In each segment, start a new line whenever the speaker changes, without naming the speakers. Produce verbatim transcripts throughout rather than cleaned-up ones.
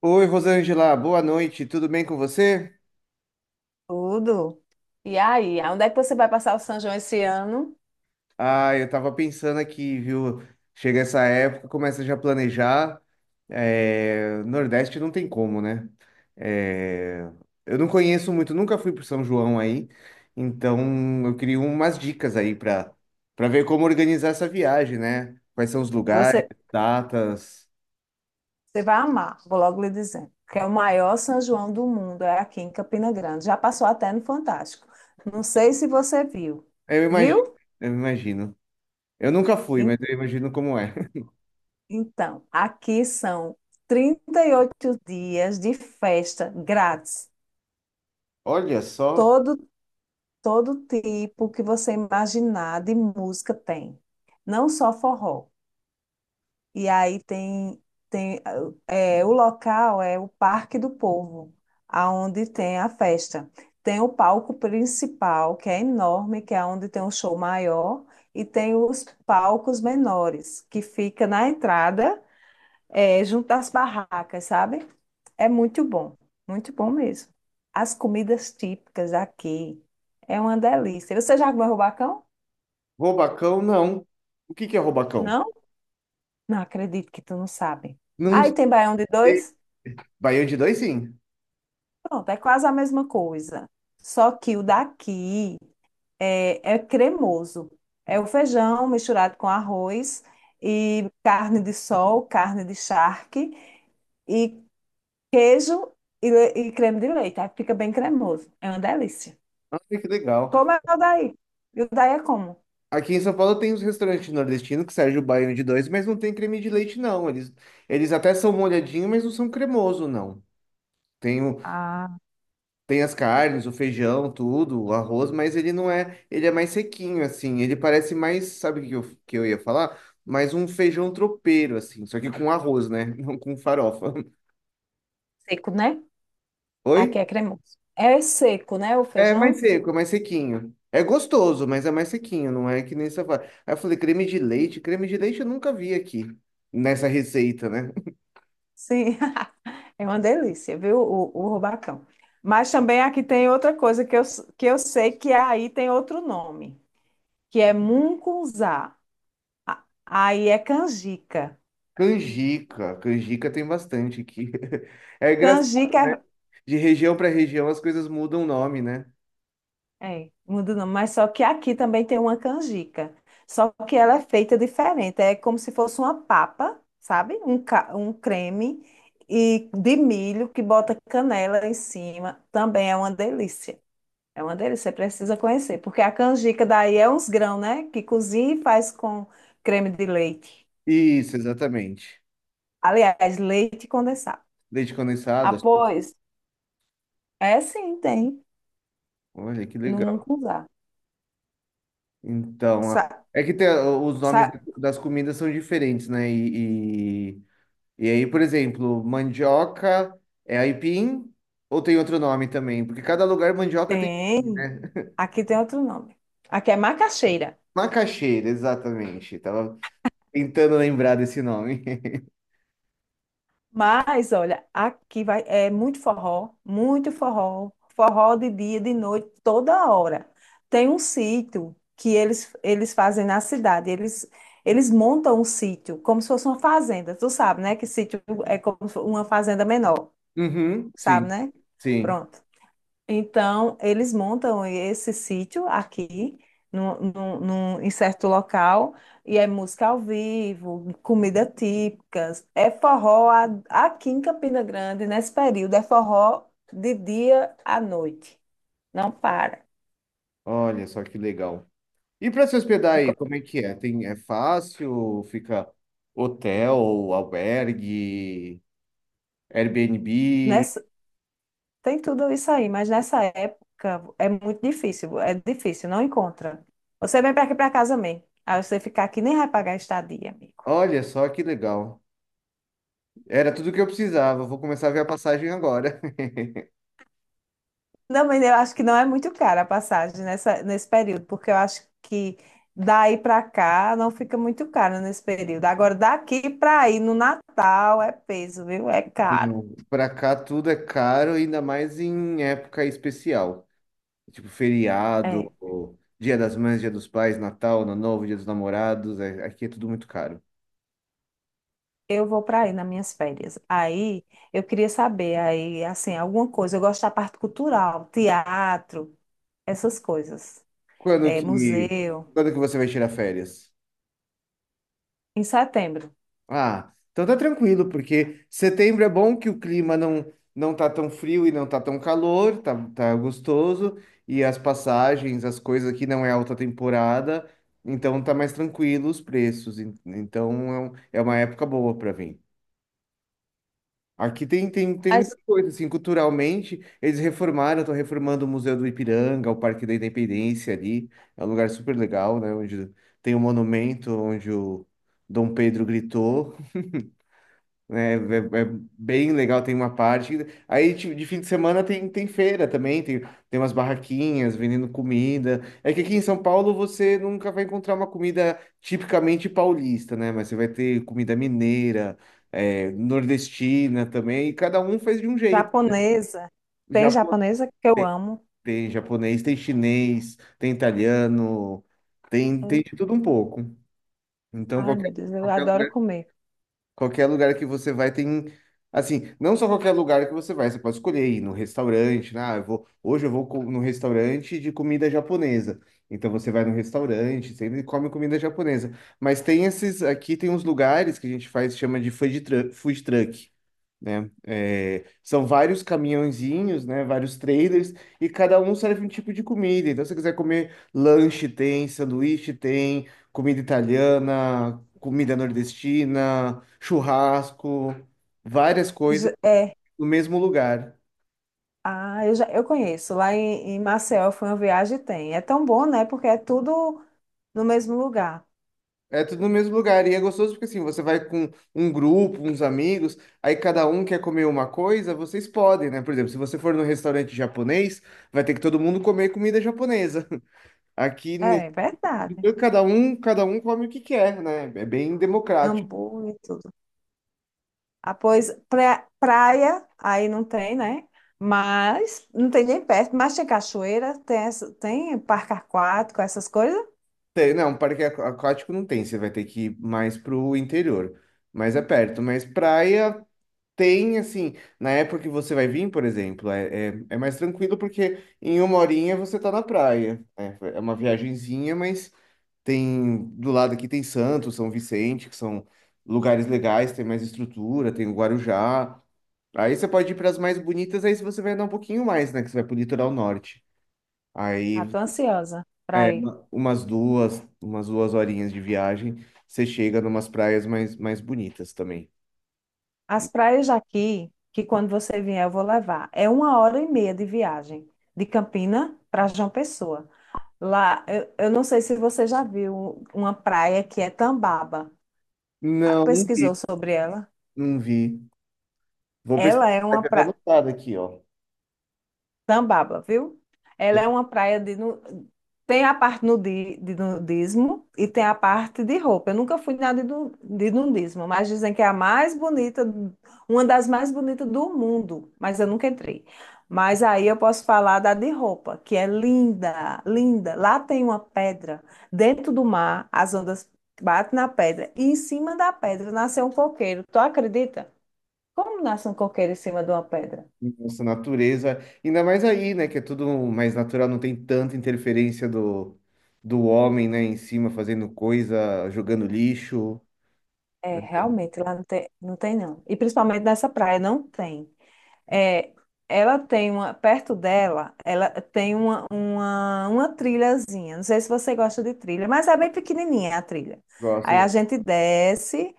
Oi, Rosângela, boa noite, tudo bem com você?
Tudo. E aí, onde é que você vai passar o São João esse ano?
Ah, eu tava pensando aqui, viu? Chega essa época, começa já a planejar. É, Nordeste não tem como, né? É, Eu não conheço muito, nunca fui pro São João aí, então eu queria umas dicas aí pra para ver como organizar essa viagem, né? Quais são os lugares,
Você,
datas.
você vai amar, vou logo lhe dizendo. Que é o maior São João do mundo, é aqui em Campina Grande. Já passou até no Fantástico. Não sei se você viu.
Eu imagino,
Viu?
eu imagino. Eu nunca fui, mas
En-
eu imagino como é.
Então, aqui são trinta e oito dias de festa grátis.
Olha só.
Todo, todo tipo que você imaginar de música tem. Não só forró. E aí tem, tem é, o local é o Parque do Povo, aonde tem a festa. Tem o palco principal, que é enorme, que é onde tem um show maior, e tem os palcos menores, que fica na entrada, é, junto às barracas, sabe? É muito bom, muito bom mesmo. As comidas típicas aqui é uma delícia. Você já comeu rubacão?
Robacão, não. O que que é Robacão?
Não? Não acredito que tu não sabe.
Não
Aí tem baião de
sei.
dois?
Baião de dois, sim.
Pronto, é quase a mesma coisa. Só que o daqui é, é cremoso. É o feijão misturado com arroz e carne de sol, carne de charque e queijo e, le- e creme de leite. Aí fica bem cremoso. É uma delícia.
Ah, que legal.
Como é o daí? E o daí é como?
Aqui em São Paulo tem os restaurantes nordestinos que servem o baião de dois, mas não tem creme de leite, não. Eles, eles até são molhadinhos, mas não são cremoso, não. Tem, o,
Ah,
tem as carnes, o feijão, tudo, o arroz, mas ele não é. Ele é mais sequinho, assim. Ele parece mais, sabe o que eu, que eu ia falar? Mais um feijão tropeiro, assim. Só que com arroz, né? Não com farofa.
seco, né?
Oi?
Aqui é cremoso. É seco, né? O
É mais
feijão?
seco, é mais sequinho. É gostoso, mas é mais sequinho, não é que nem você fala. Aí eu falei, creme de leite. Creme de leite eu nunca vi aqui, nessa receita, né?
Sim. É uma delícia, viu? O, o rubacão. Mas também aqui tem outra coisa que eu, s- que eu sei que aí tem outro nome, que é mungunzá. A- Aí é canjica.
Canjica. Canjica tem bastante aqui. É engraçado,
Canjica
né? De região para região as coisas mudam o nome, né?
é, é, muda o nome, mas só que aqui também tem uma canjica. Só que ela é feita diferente. É como se fosse uma papa, sabe? Um, ca- um creme e de milho que bota canela em cima. Também é uma delícia. É uma delícia, você precisa conhecer, porque a canjica daí é uns grãos, né? Que cozinha e faz com creme de leite.
Isso, exatamente.
Aliás, leite condensado.
Leite condensado, açúcar.
Após, é sim, tem,
Olha que
no
legal.
Mucunzá.
Então,
Sa,
a- é que tem, a- os nomes
sa-
das comidas são diferentes, né? E, E aí, por exemplo, mandioca é aipim ou tem outro nome também? Porque cada lugar mandioca tem nome,
tem,
né?
aqui tem outro nome. Aqui é macaxeira.
Macaxeira, exatamente. Tava tentando lembrar desse nome.
Mas, olha, aqui vai, é muito forró, muito forró, forró de dia, de noite, toda hora. Tem um sítio que eles, eles fazem na cidade, eles, eles montam um sítio como se fosse uma fazenda, tu sabe, né? Que sítio é como se fosse uma fazenda menor,
Uhum,
sabe,
sim,
né?
sim.
Pronto. Então, eles montam esse sítio aqui, num, num- num- em certo local, e é música ao vivo, comida típicas, é forró a- aqui em Campina Grande, nesse período, é forró de dia à noite, não para.
Olha só que legal. E para se hospedar aí,
Ficou-
como é que é? Tem, é fácil? Fica hotel, albergue, Airbnb?
Nessa, tem tudo isso aí, mas nessa época é muito difícil, é difícil, não encontra. Você vem para aqui para casa mesmo, aí você ficar aqui nem vai pagar estadia, amigo.
Olha só que legal. Era tudo que eu precisava. Vou começar a ver a passagem agora.
Não, mas eu acho que não é muito cara a passagem nessa, nesse período, porque eu acho que daí para cá não fica muito caro nesse período. Agora, daqui para aí no Natal é peso, viu? É caro.
Não, pra cá tudo é caro, ainda mais em época especial. Tipo feriado,
É.
ou Dia das Mães, Dia dos Pais, Natal, Ano Novo, Dia dos Namorados. é- Aqui é tudo muito caro.
Eu vou para aí nas minhas férias. Aí eu queria saber aí assim alguma coisa. Eu gosto da parte cultural, teatro, essas coisas.
Quando
É,
que,
museu.
quando que você vai tirar férias?
Em setembro.
Ah, então tá tranquilo, porque setembro é bom que o clima não, não tá tão frio e não tá tão calor, tá, tá gostoso. E as passagens, as coisas aqui não é alta temporada, então tá mais tranquilo os preços. en- Então é um- é uma época boa para vir. Aqui tem, tem, tem
Mas
muita coisa, assim, culturalmente, eles reformaram, estão reformando o Museu do Ipiranga, o Parque da Independência ali, é um lugar super legal, né, onde tem um monumento onde o Dom Pedro gritou, né é, é bem legal, tem uma parte. Aí, tipo, de fim de semana tem, tem feira também, tem, tem umas barraquinhas vendendo comida. É que aqui em São Paulo você nunca vai encontrar uma comida tipicamente paulista, né? Mas você vai ter comida mineira, é, nordestina também, e cada um faz de um jeito.
japonesa. Tem
Japo-
japonesa que eu
tem,
amo.
tem japonês, tem chinês, tem italiano, tem, tem de tudo um pouco. Então,
Ai,
qualquer,
meu Deus, eu
qualquer
adoro comer.
Qualquer lugar que você vai tem, assim, não só qualquer lugar que você vai, você pode escolher ir no restaurante, né? Ah, eu vou, hoje eu vou co- no restaurante de comida japonesa. Então você vai no restaurante, sempre come comida japonesa. Mas tem esses, aqui tem uns lugares que a gente faz, chama de food truck, food truck né? É, são vários caminhãozinhos, né? Vários trailers e cada um serve um tipo de comida. Então, se você quiser comer lanche, tem, sanduíche, tem, comida italiana, comida nordestina, churrasco, várias
E
coisas
ja- É.
no mesmo lugar.
Ah, eu já eu conheço. Lá em, em Maceió foi uma viagem e tem. É tão bom, né? Porque é tudo no mesmo lugar.
É tudo no mesmo lugar e é gostoso porque assim, você vai com um grupo, uns amigos, aí cada um quer comer uma coisa, vocês podem, né? Por exemplo, se você for num restaurante japonês, vai ter que todo mundo comer comida japonesa. Aqui
É é verdade.
e Cada um, cada um come o que quer, né? É bem democrático.
Hamburgo e tudo. Ah, pois pra- praia, aí não tem, né? Mas não tem nem perto, mas tem cachoeira, tem, essa- tem parque aquático, essas coisas.
Tem- Não, parque aqu- aquático não tem, você vai ter que ir mais pro interior, mas é perto. Mas praia tem, assim, na época que você vai vir, por exemplo, é, é, é mais tranquilo porque em uma horinha você tá na praia. Né? É uma viagenzinha, mas tem, do lado aqui tem Santos, São Vicente, que são lugares legais, tem mais estrutura, tem o Guarujá. Aí você pode ir para as mais bonitas, aí você vai andar um pouquinho mais, né? Que você vai pro litoral norte.
Ah,
Aí
tô ansiosa
é
pra ir.
uma- umas duas, umas duas horinhas de viagem, você chega numas praias mais, mais bonitas também.
As praias aqui, que quando você vier eu vou levar, é uma hora e meia de viagem de Campina para João Pessoa. Lá, eu, eu não sei se você já viu uma praia que é Tambaba. Ah,
Não, não
pesquisou
vi,
sobre ela?
não vi. Vou pesquisar,
Ela é
vai
uma
ficar
praia.
anotado aqui, ó.
Tambaba, viu? Ela é uma praia de. nu- tem a parte nudi- de nudismo e tem a parte de roupa. Eu nunca fui nada de, nu- de nudismo, mas dizem que é a mais bonita, uma das mais bonitas do mundo, mas eu nunca entrei. Mas aí eu posso falar da de roupa, que é linda, linda. Lá tem uma pedra dentro do mar, as ondas batem na pedra e em cima da pedra nasceu um coqueiro. Tu acredita? Como nasce um coqueiro em cima de uma pedra?
Nossa natureza, ainda mais aí, né, que é tudo mais natural, não tem tanta interferência do, do homem, né, em cima fazendo coisa, jogando lixo.
É,
Né?
realmente, lá não tem, não tem não. E principalmente nessa praia não tem. É, ela tem uma, perto dela, ela tem uma, uma, uma trilhazinha. Não sei se você gosta de trilha, mas é bem pequenininha a trilha.
Gosto,
Aí a
gosto.
gente desce,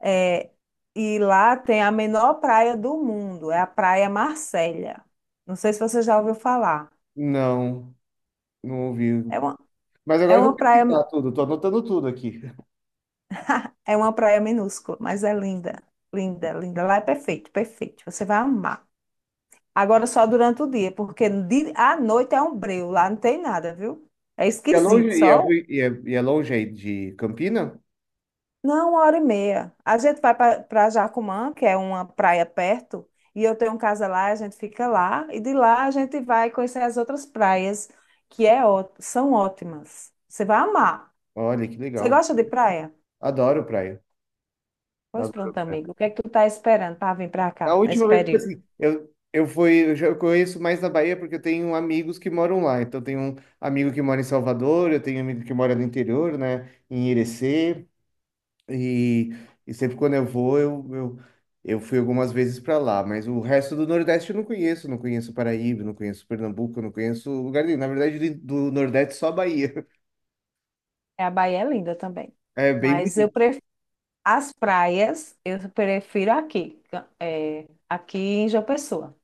é, e lá tem a menor praia do mundo, é a Praia Marcélia. Não sei se você já ouviu falar.
Não, não ouvi.
É uma,
Mas
é
agora eu vou
uma praia,
pesquisar tudo, tô anotando tudo aqui.
é uma praia minúscula, mas é linda, linda, linda. Lá é perfeito, perfeito. Você vai amar. Agora só durante o dia, porque de- à noite é um breu, lá não tem nada, viu? É
E é
esquisito,
longe, e é,
só
ruim- e é, e é longe aí de Campina?
não, uma hora e meia. A gente vai para Jacumã, que é uma praia perto, e eu tenho um casa lá, a gente fica lá, e de lá a gente vai conhecer as outras praias, que é, ó- são ótimas. Você vai amar.
Olha, que
Você
legal.
gosta de praia?
Adoro praia.
Pois
Adoro
pronto,
praia.
amigo. O que é que tu tá esperando para vir para cá
A
nesse
última vez, tipo
período?
assim, eu, eu fui, eu já conheço mais da Bahia porque eu tenho amigos que moram lá. Então, eu tenho um amigo que mora em Salvador, eu tenho um amigo que mora no interior, né, em Irecê. E, e sempre quando eu vou, eu, eu, eu fui algumas vezes para lá. Mas o resto do Nordeste eu não conheço. Não conheço Paraíba, não conheço Pernambuco, não conheço lugar nenhum. Na verdade, do do Nordeste, só a Bahia.
A Bahia é linda também,
É bem
mas eu
bonito.
pre- as praias, eu prefiro aqui, ca- é, aqui em João Pessoa.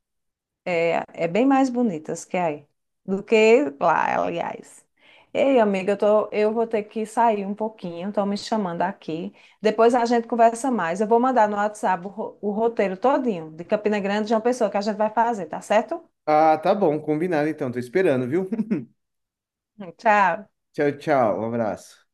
É, é bem mais bonitas que aí, do que lá, aliás. Ei, amiga, eu tô, eu vou ter que sair um pouquinho, estão me chamando aqui. Depois a gente conversa mais. Eu vou mandar no WhatsApp o, ro- o roteiro todinho de Campina Grande, e João Pessoa, que a gente vai fazer, tá certo?
Ah, tá bom, combinado então. Tô esperando, viu?
Tchau.
Tchau, tchau. Um abraço.